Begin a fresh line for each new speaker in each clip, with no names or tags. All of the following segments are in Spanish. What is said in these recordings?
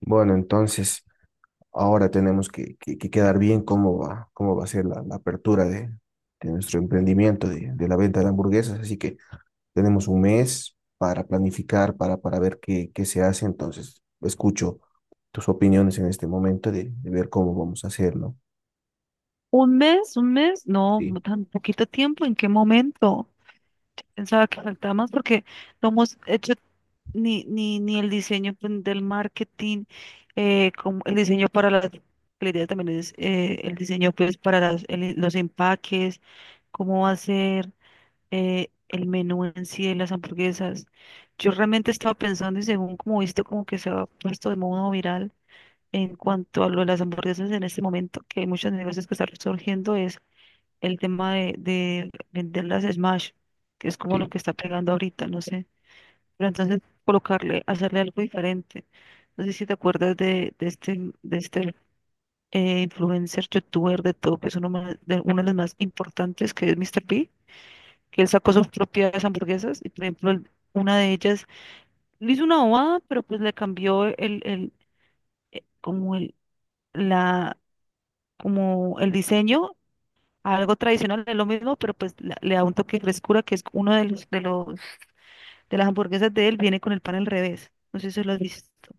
Bueno, entonces ahora tenemos que quedar bien cómo va a ser la apertura de nuestro emprendimiento de la venta de hamburguesas. Así que tenemos un mes para planificar, para ver qué se hace. Entonces, escucho tus opiniones en este momento de ver cómo vamos a hacer, ¿no?
Un mes, no, no
Sí,
tan poquito tiempo, ¿en qué momento? Pensaba que faltaba más porque no hemos hecho ni el diseño, pues, del marketing, como el diseño para las, la idea también es el diseño, pues, para los empaques, cómo va a ser el menú en sí de las hamburguesas. Yo realmente estaba pensando y, según como viste, como que se ha puesto de modo viral en cuanto a lo de las hamburguesas en este momento, que hay muchos negocios que están surgiendo, es el tema de, vender las Smash, que es como lo
sí.
que está pegando ahorita, no sé. Pero entonces colocarle, hacerle algo diferente. No sé si te acuerdas de este influencer youtuber de todo, que es uno de los más importantes, que es Mr. P, que él sacó sus propias hamburguesas y, por ejemplo, una de ellas le hizo una bobada, pero pues le cambió el, como el, la, como el diseño, algo tradicional, es lo mismo, pero pues le da un toque de frescura, que es uno de las hamburguesas de él, viene con el pan al revés. No sé si se lo has visto.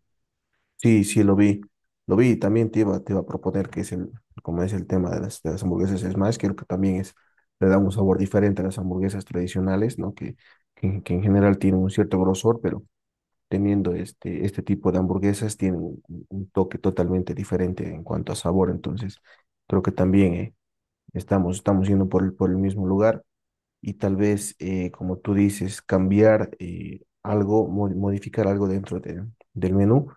Sí, sí, lo vi. Lo vi, también te iba a proponer que es el, como es el tema de las hamburguesas, es más, creo que también es, le da un sabor diferente a las hamburguesas tradicionales, ¿no? Que en general tienen un cierto grosor, pero teniendo este tipo de hamburguesas tienen un toque totalmente diferente en cuanto a sabor, entonces creo que también estamos yendo por el mismo lugar y tal vez, como tú dices, cambiar algo, modificar algo del menú,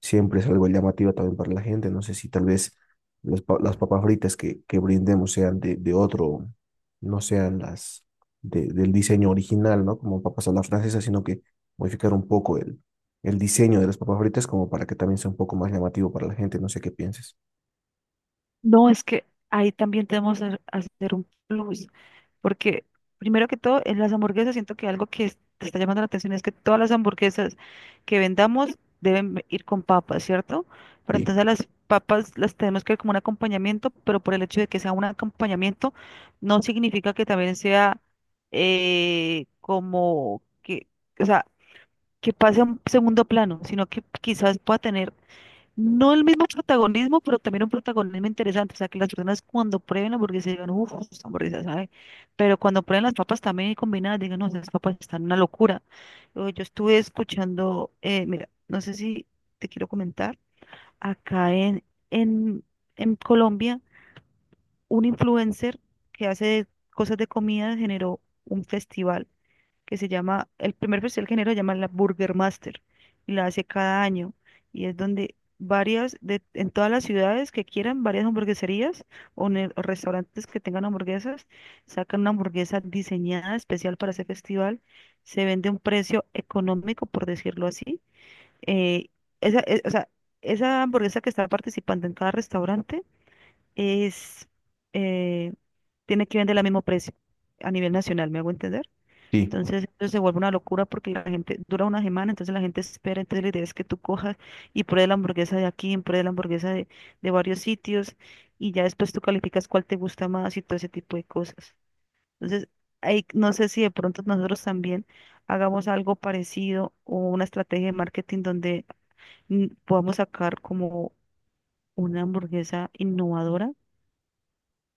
siempre es algo llamativo también para la gente. No sé si tal vez las papas fritas que brindemos sean de otro, no sean las del diseño original, ¿no? Como papas a la francesa, sino que modificar un poco el diseño de las papas fritas como para que también sea un poco más llamativo para la gente. No sé qué pienses.
No, es que ahí también tenemos que hacer un plus, porque, primero que todo, en las hamburguesas siento que algo que te está llamando la atención es que todas las hamburguesas que vendamos deben ir con papas, ¿cierto? Pero
Sí,
entonces las papas las tenemos que ver como un acompañamiento, pero, por el hecho de que sea un acompañamiento, no significa que también sea como que, o sea, que pase a un segundo plano, sino que quizás pueda tener no el mismo protagonismo, pero también un protagonismo interesante. O sea, que las personas, cuando prueben la hamburguesa, digan: uff, esta hamburguesa sabe. Pero cuando prueben las papas también combinadas, digan: no, esas papas están una locura. Yo estuve escuchando, mira, no sé si te quiero comentar, acá en, en, en, Colombia, un influencer que hace cosas de comida generó un festival que se llama, el primer festival que genera se llama la Burger Master, y la hace cada año. Y es donde en todas las ciudades que quieran, varias hamburgueserías o restaurantes que tengan hamburguesas, sacan una hamburguesa diseñada especial para ese festival, se vende a un precio económico, por decirlo así. eh, o sea, esa hamburguesa que está participando en cada restaurante es, eh, tiene que vender al mismo precio a nivel nacional, ¿me hago entender?
sí,
Entonces, eso se vuelve una locura, porque la gente dura una semana, entonces la gente espera, entonces la idea es que tú cojas y pruebes la hamburguesa de aquí, y pruebes la hamburguesa de varios sitios, y ya después tú calificas cuál te gusta más y todo ese tipo de cosas. Entonces, ahí no sé si de pronto nosotros también hagamos algo parecido, o una estrategia de marketing donde, podamos sacar como una hamburguesa innovadora,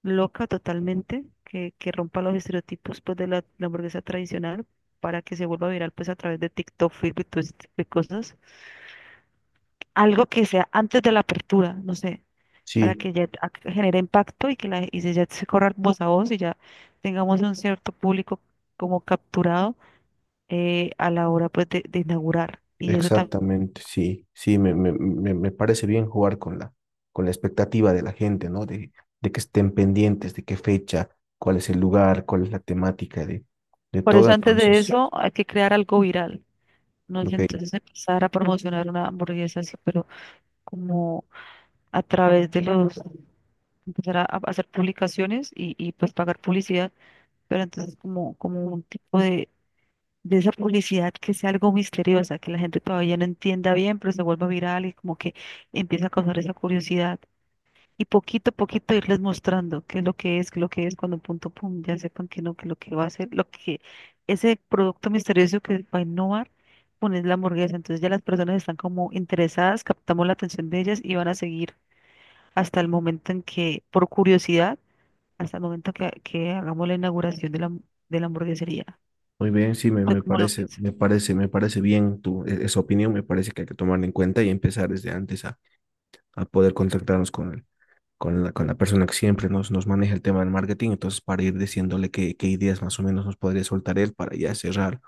loca totalmente, que rompa los estereotipos, pues, de la hamburguesa tradicional, para que se vuelva viral, pues, a través de TikTok, Facebook y todo ese tipo de cosas. Algo que sea antes de la apertura, no sé, para
sí.
que ya genere impacto y que ya se corra voz a voz, y ya tengamos un cierto público como capturado a la hora, pues, de inaugurar. Y eso también.
Exactamente, sí, sí, me parece bien jugar con la expectativa de la gente, ¿no? De que estén pendientes, de qué fecha, cuál es el lugar, cuál es la temática de
Por
todo.
eso, antes de
Entonces,
eso hay que crear algo viral. No sé,
ok,
entonces, empezar a promocionar una hamburguesa así, pero como a través de los, empezar a hacer publicaciones pues pagar publicidad, pero entonces como un tipo de esa publicidad, que sea algo misteriosa, que la gente todavía no entienda bien, pero se vuelva viral, y como que empieza a causar esa curiosidad. Y poquito a poquito irles mostrando qué es lo que es, qué es lo que es, cuando, punto, pum, ya sepan que no, que lo que va a ser, lo que ese producto misterioso que va a innovar, poner la hamburguesa. Entonces ya las personas están como interesadas, captamos la atención de ellas, y van a seguir hasta el momento en que, por curiosidad, hasta el momento que hagamos la inauguración de la hamburguesería.
muy bien, sí,
¿Tú cómo lo piensas?
me parece bien tu, esa opinión, me parece que hay que tomarla en cuenta y empezar desde antes a poder contactarnos con el, con la persona que siempre nos maneja el tema del marketing, entonces para ir diciéndole qué, qué ideas más o menos nos podría soltar él para ya cerrar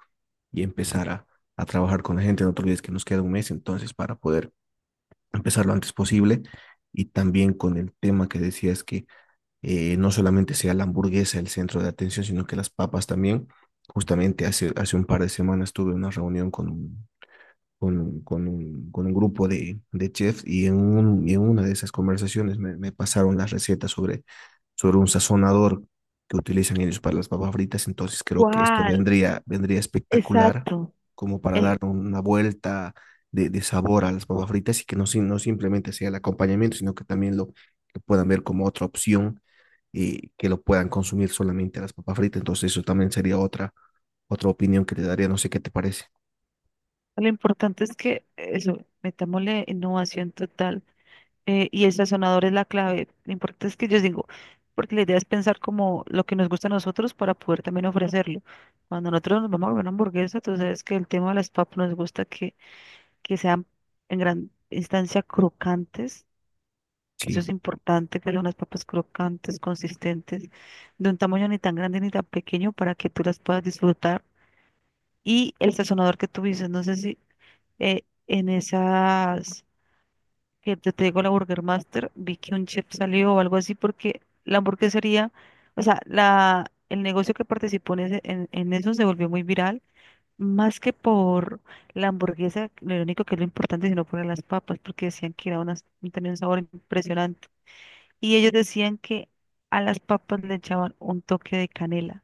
y empezar a trabajar con la gente. No te olvides que nos queda un mes entonces para poder empezar lo antes posible y también con el tema que decías que no solamente sea la hamburguesa el centro de atención, sino que las papas también. Justamente hace un par de semanas tuve una reunión con un, con un grupo de chefs y en, y en una de esas conversaciones me pasaron las recetas sobre sobre un sazonador que utilizan ellos para las papas fritas, entonces creo que esto
¿Cuál?
vendría espectacular
Exacto.
como para dar
El,
una vuelta de, sabor a las papas fritas y que no, no simplemente sea el acompañamiento, sino que también lo que puedan ver como otra opción y que lo puedan consumir solamente a las papas fritas, entonces eso también sería otra, otra opinión que te daría, no sé qué te parece.
lo importante es que eso, metámosle innovación total, y el sazonador es la clave. Lo importante es que, yo digo, porque la idea es pensar como lo que nos gusta a nosotros para poder también ofrecerlo. Cuando nosotros nos vamos a comer una hamburguesa, tú sabes que el tema de las papas nos gusta que sean en gran instancia crocantes, que
Sí,
eso es importante, que son unas papas crocantes, consistentes, de un tamaño ni tan grande ni tan pequeño, para que tú las puedas disfrutar. Y el sazonador que tú dices, no sé si, en esas que te digo, la Burger Master, vi que un chef salió o algo así, porque la hamburguesería, o sea, el negocio que participó en eso, se volvió muy viral. Más que por la hamburguesa, lo único que es lo importante, sino por las papas, porque decían que era unas, tenía un sabor impresionante. Y ellos decían que a las papas le echaban un toque de canela,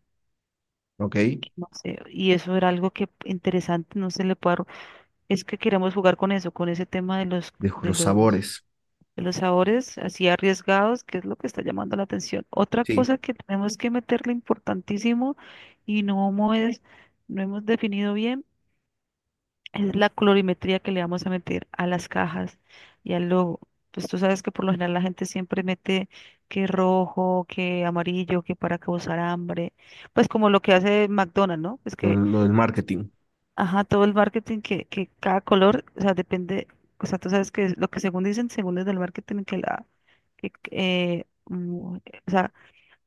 ok,
que no sé, y eso era algo que interesante, no se le puede, es que queremos jugar con eso, con ese tema de los,
dejo
de
los
los,
sabores,
de los sabores así arriesgados, que es lo que está llamando la atención. Otra
sí,
cosa que tenemos que meterle, importantísimo, y no hemos definido bien, es la colorimetría que le vamos a meter a las cajas y al logo. Pues tú sabes que, por lo general, la gente siempre mete que rojo, que amarillo, que para causar hambre. Pues como lo que hace McDonald's, ¿no?
lo del marketing,
Ajá, todo el marketing, que cada color, o sea, depende, o sea, tú sabes que lo que, según dicen, según es del marketing, que la, que, mm, o sea,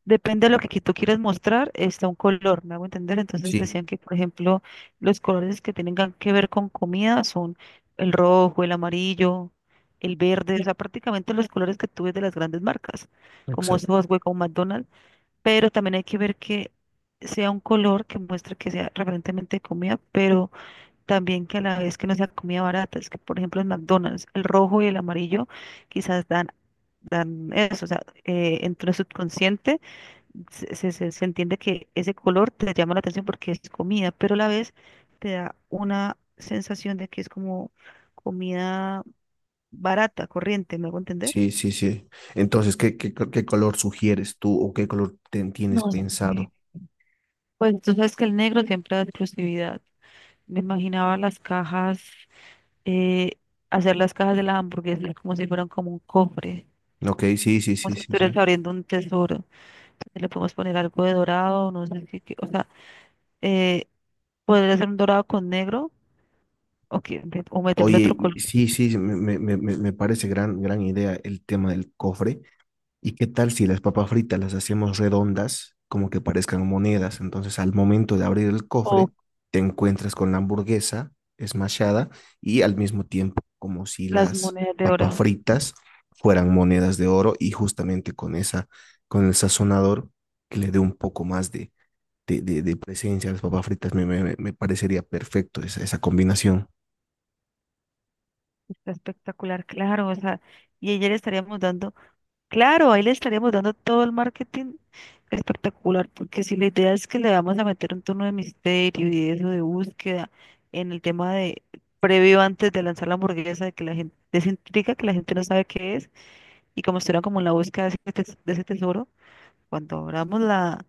depende de lo que tú quieres mostrar, está un color, me hago entender. Entonces
sí,
decían que, por ejemplo, los colores que tengan que ver con comida son el rojo, el amarillo, el verde, o sea, prácticamente los colores que tú ves de las grandes marcas, como
exacto.
Sosúa o McDonald's. Pero también hay que ver que sea un color que muestre que sea referentemente de comida, pero también, que a la vez, que no sea comida barata. Es que, por ejemplo, en McDonald's, el rojo y el amarillo quizás dan eso, o sea, entre el subconsciente se entiende que ese color te llama la atención porque es comida, pero a la vez te da una sensación de que es como comida barata, corriente, ¿me hago entender?
Sí, sí, sí. Entonces, ¿ qué color sugieres tú o qué color tienes
No sé.
pensado?
Pues tú sabes que el negro siempre da exclusividad. Me imaginaba las cajas, eh, hacer las cajas de las hamburguesas como si fueran como un cofre,
Ok, sí, sí,
como
sí,
si
sí,
estuvieras
sí.
abriendo un tesoro. Entonces le podemos poner algo de dorado, no sé qué, o sea, eh, podría ser un dorado con negro, o, que- o meterle otro
Oye,
color.
sí, sí, sí, me parece gran, gran idea el tema del cofre. ¿Y qué tal si las papas fritas las hacemos redondas, como que parezcan monedas? Entonces, al momento de abrir el cofre, te encuentras con la hamburguesa smashada y al mismo tiempo como si
Las
las
monedas de
papas
oro,
fritas fueran monedas de oro y justamente con esa, con el sazonador que le dé un poco más de, de presencia a las papas fritas, parecería perfecto esa, esa combinación.
está espectacular, claro, o sea, y ella le estaríamos dando, claro, ahí le estaríamos dando todo el marketing espectacular, porque si la idea es que le vamos a meter un tono de misterio y de eso de búsqueda en el tema de previo antes de lanzar la hamburguesa, de que la gente, de esa intriga, que la gente no sabe qué es, y como estuvieran como en la búsqueda de ese tesoro, cuando abramos la,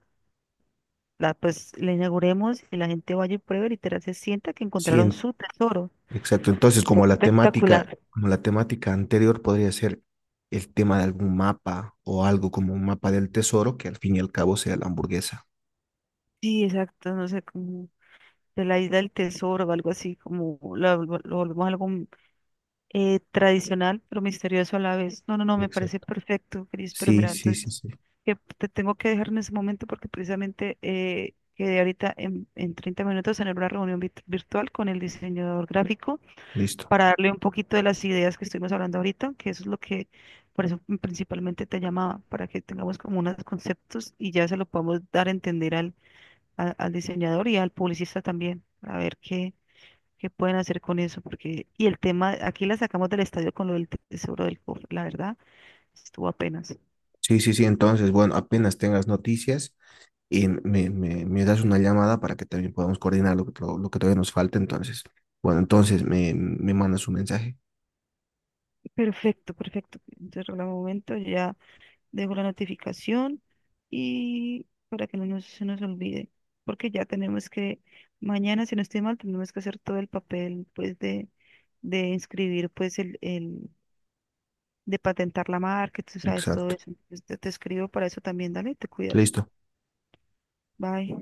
la, pues la inauguremos y la gente vaya y pruebe, literal, se sienta que
Sí,
encontraron
en-
su tesoro,
Exacto. Entonces,
está espectacular.
como la temática anterior podría ser el tema de algún mapa o algo como un mapa del tesoro, que al fin y al cabo sea la hamburguesa.
Sí, exacto, no sé, como de la isla del tesoro o algo así, como lo, volvemos algo tradicional, pero misterioso a la vez. No, no, no, me parece
Exacto.
perfecto, Cris, pero
Sí,
mira,
sí, sí,
entonces,
sí.
que te tengo que dejar en ese momento, porque, precisamente, quedé ahorita en 30 minutos en una reunión virtual con el diseñador gráfico,
Listo.
para darle un poquito de las ideas que estuvimos hablando ahorita, que eso es lo que, por eso principalmente te llamaba, para que tengamos como unos conceptos y ya se lo podamos dar a entender al, al diseñador y al publicista también, a ver qué, pueden hacer con eso, porque, y el tema, aquí la sacamos del estadio con lo del seguro del cofre, la verdad, estuvo apenas.
Sí, sí, sí. Entonces, bueno, apenas tengas noticias y me das una llamada para que también podamos coordinar lo que, lo que todavía nos falta. Entonces, bueno, entonces me mandas un mensaje.
Perfecto, perfecto. Entonces, en el momento, ya dejo la notificación, y para que no nos, se nos olvide, porque ya tenemos que, mañana, si no estoy mal, tenemos que hacer todo el papel, pues, de inscribir, pues, el de patentar la marca, tú sabes todo
Exacto.
eso. Entonces, te escribo para eso también, dale, te cuidas.
Listo.
Bye.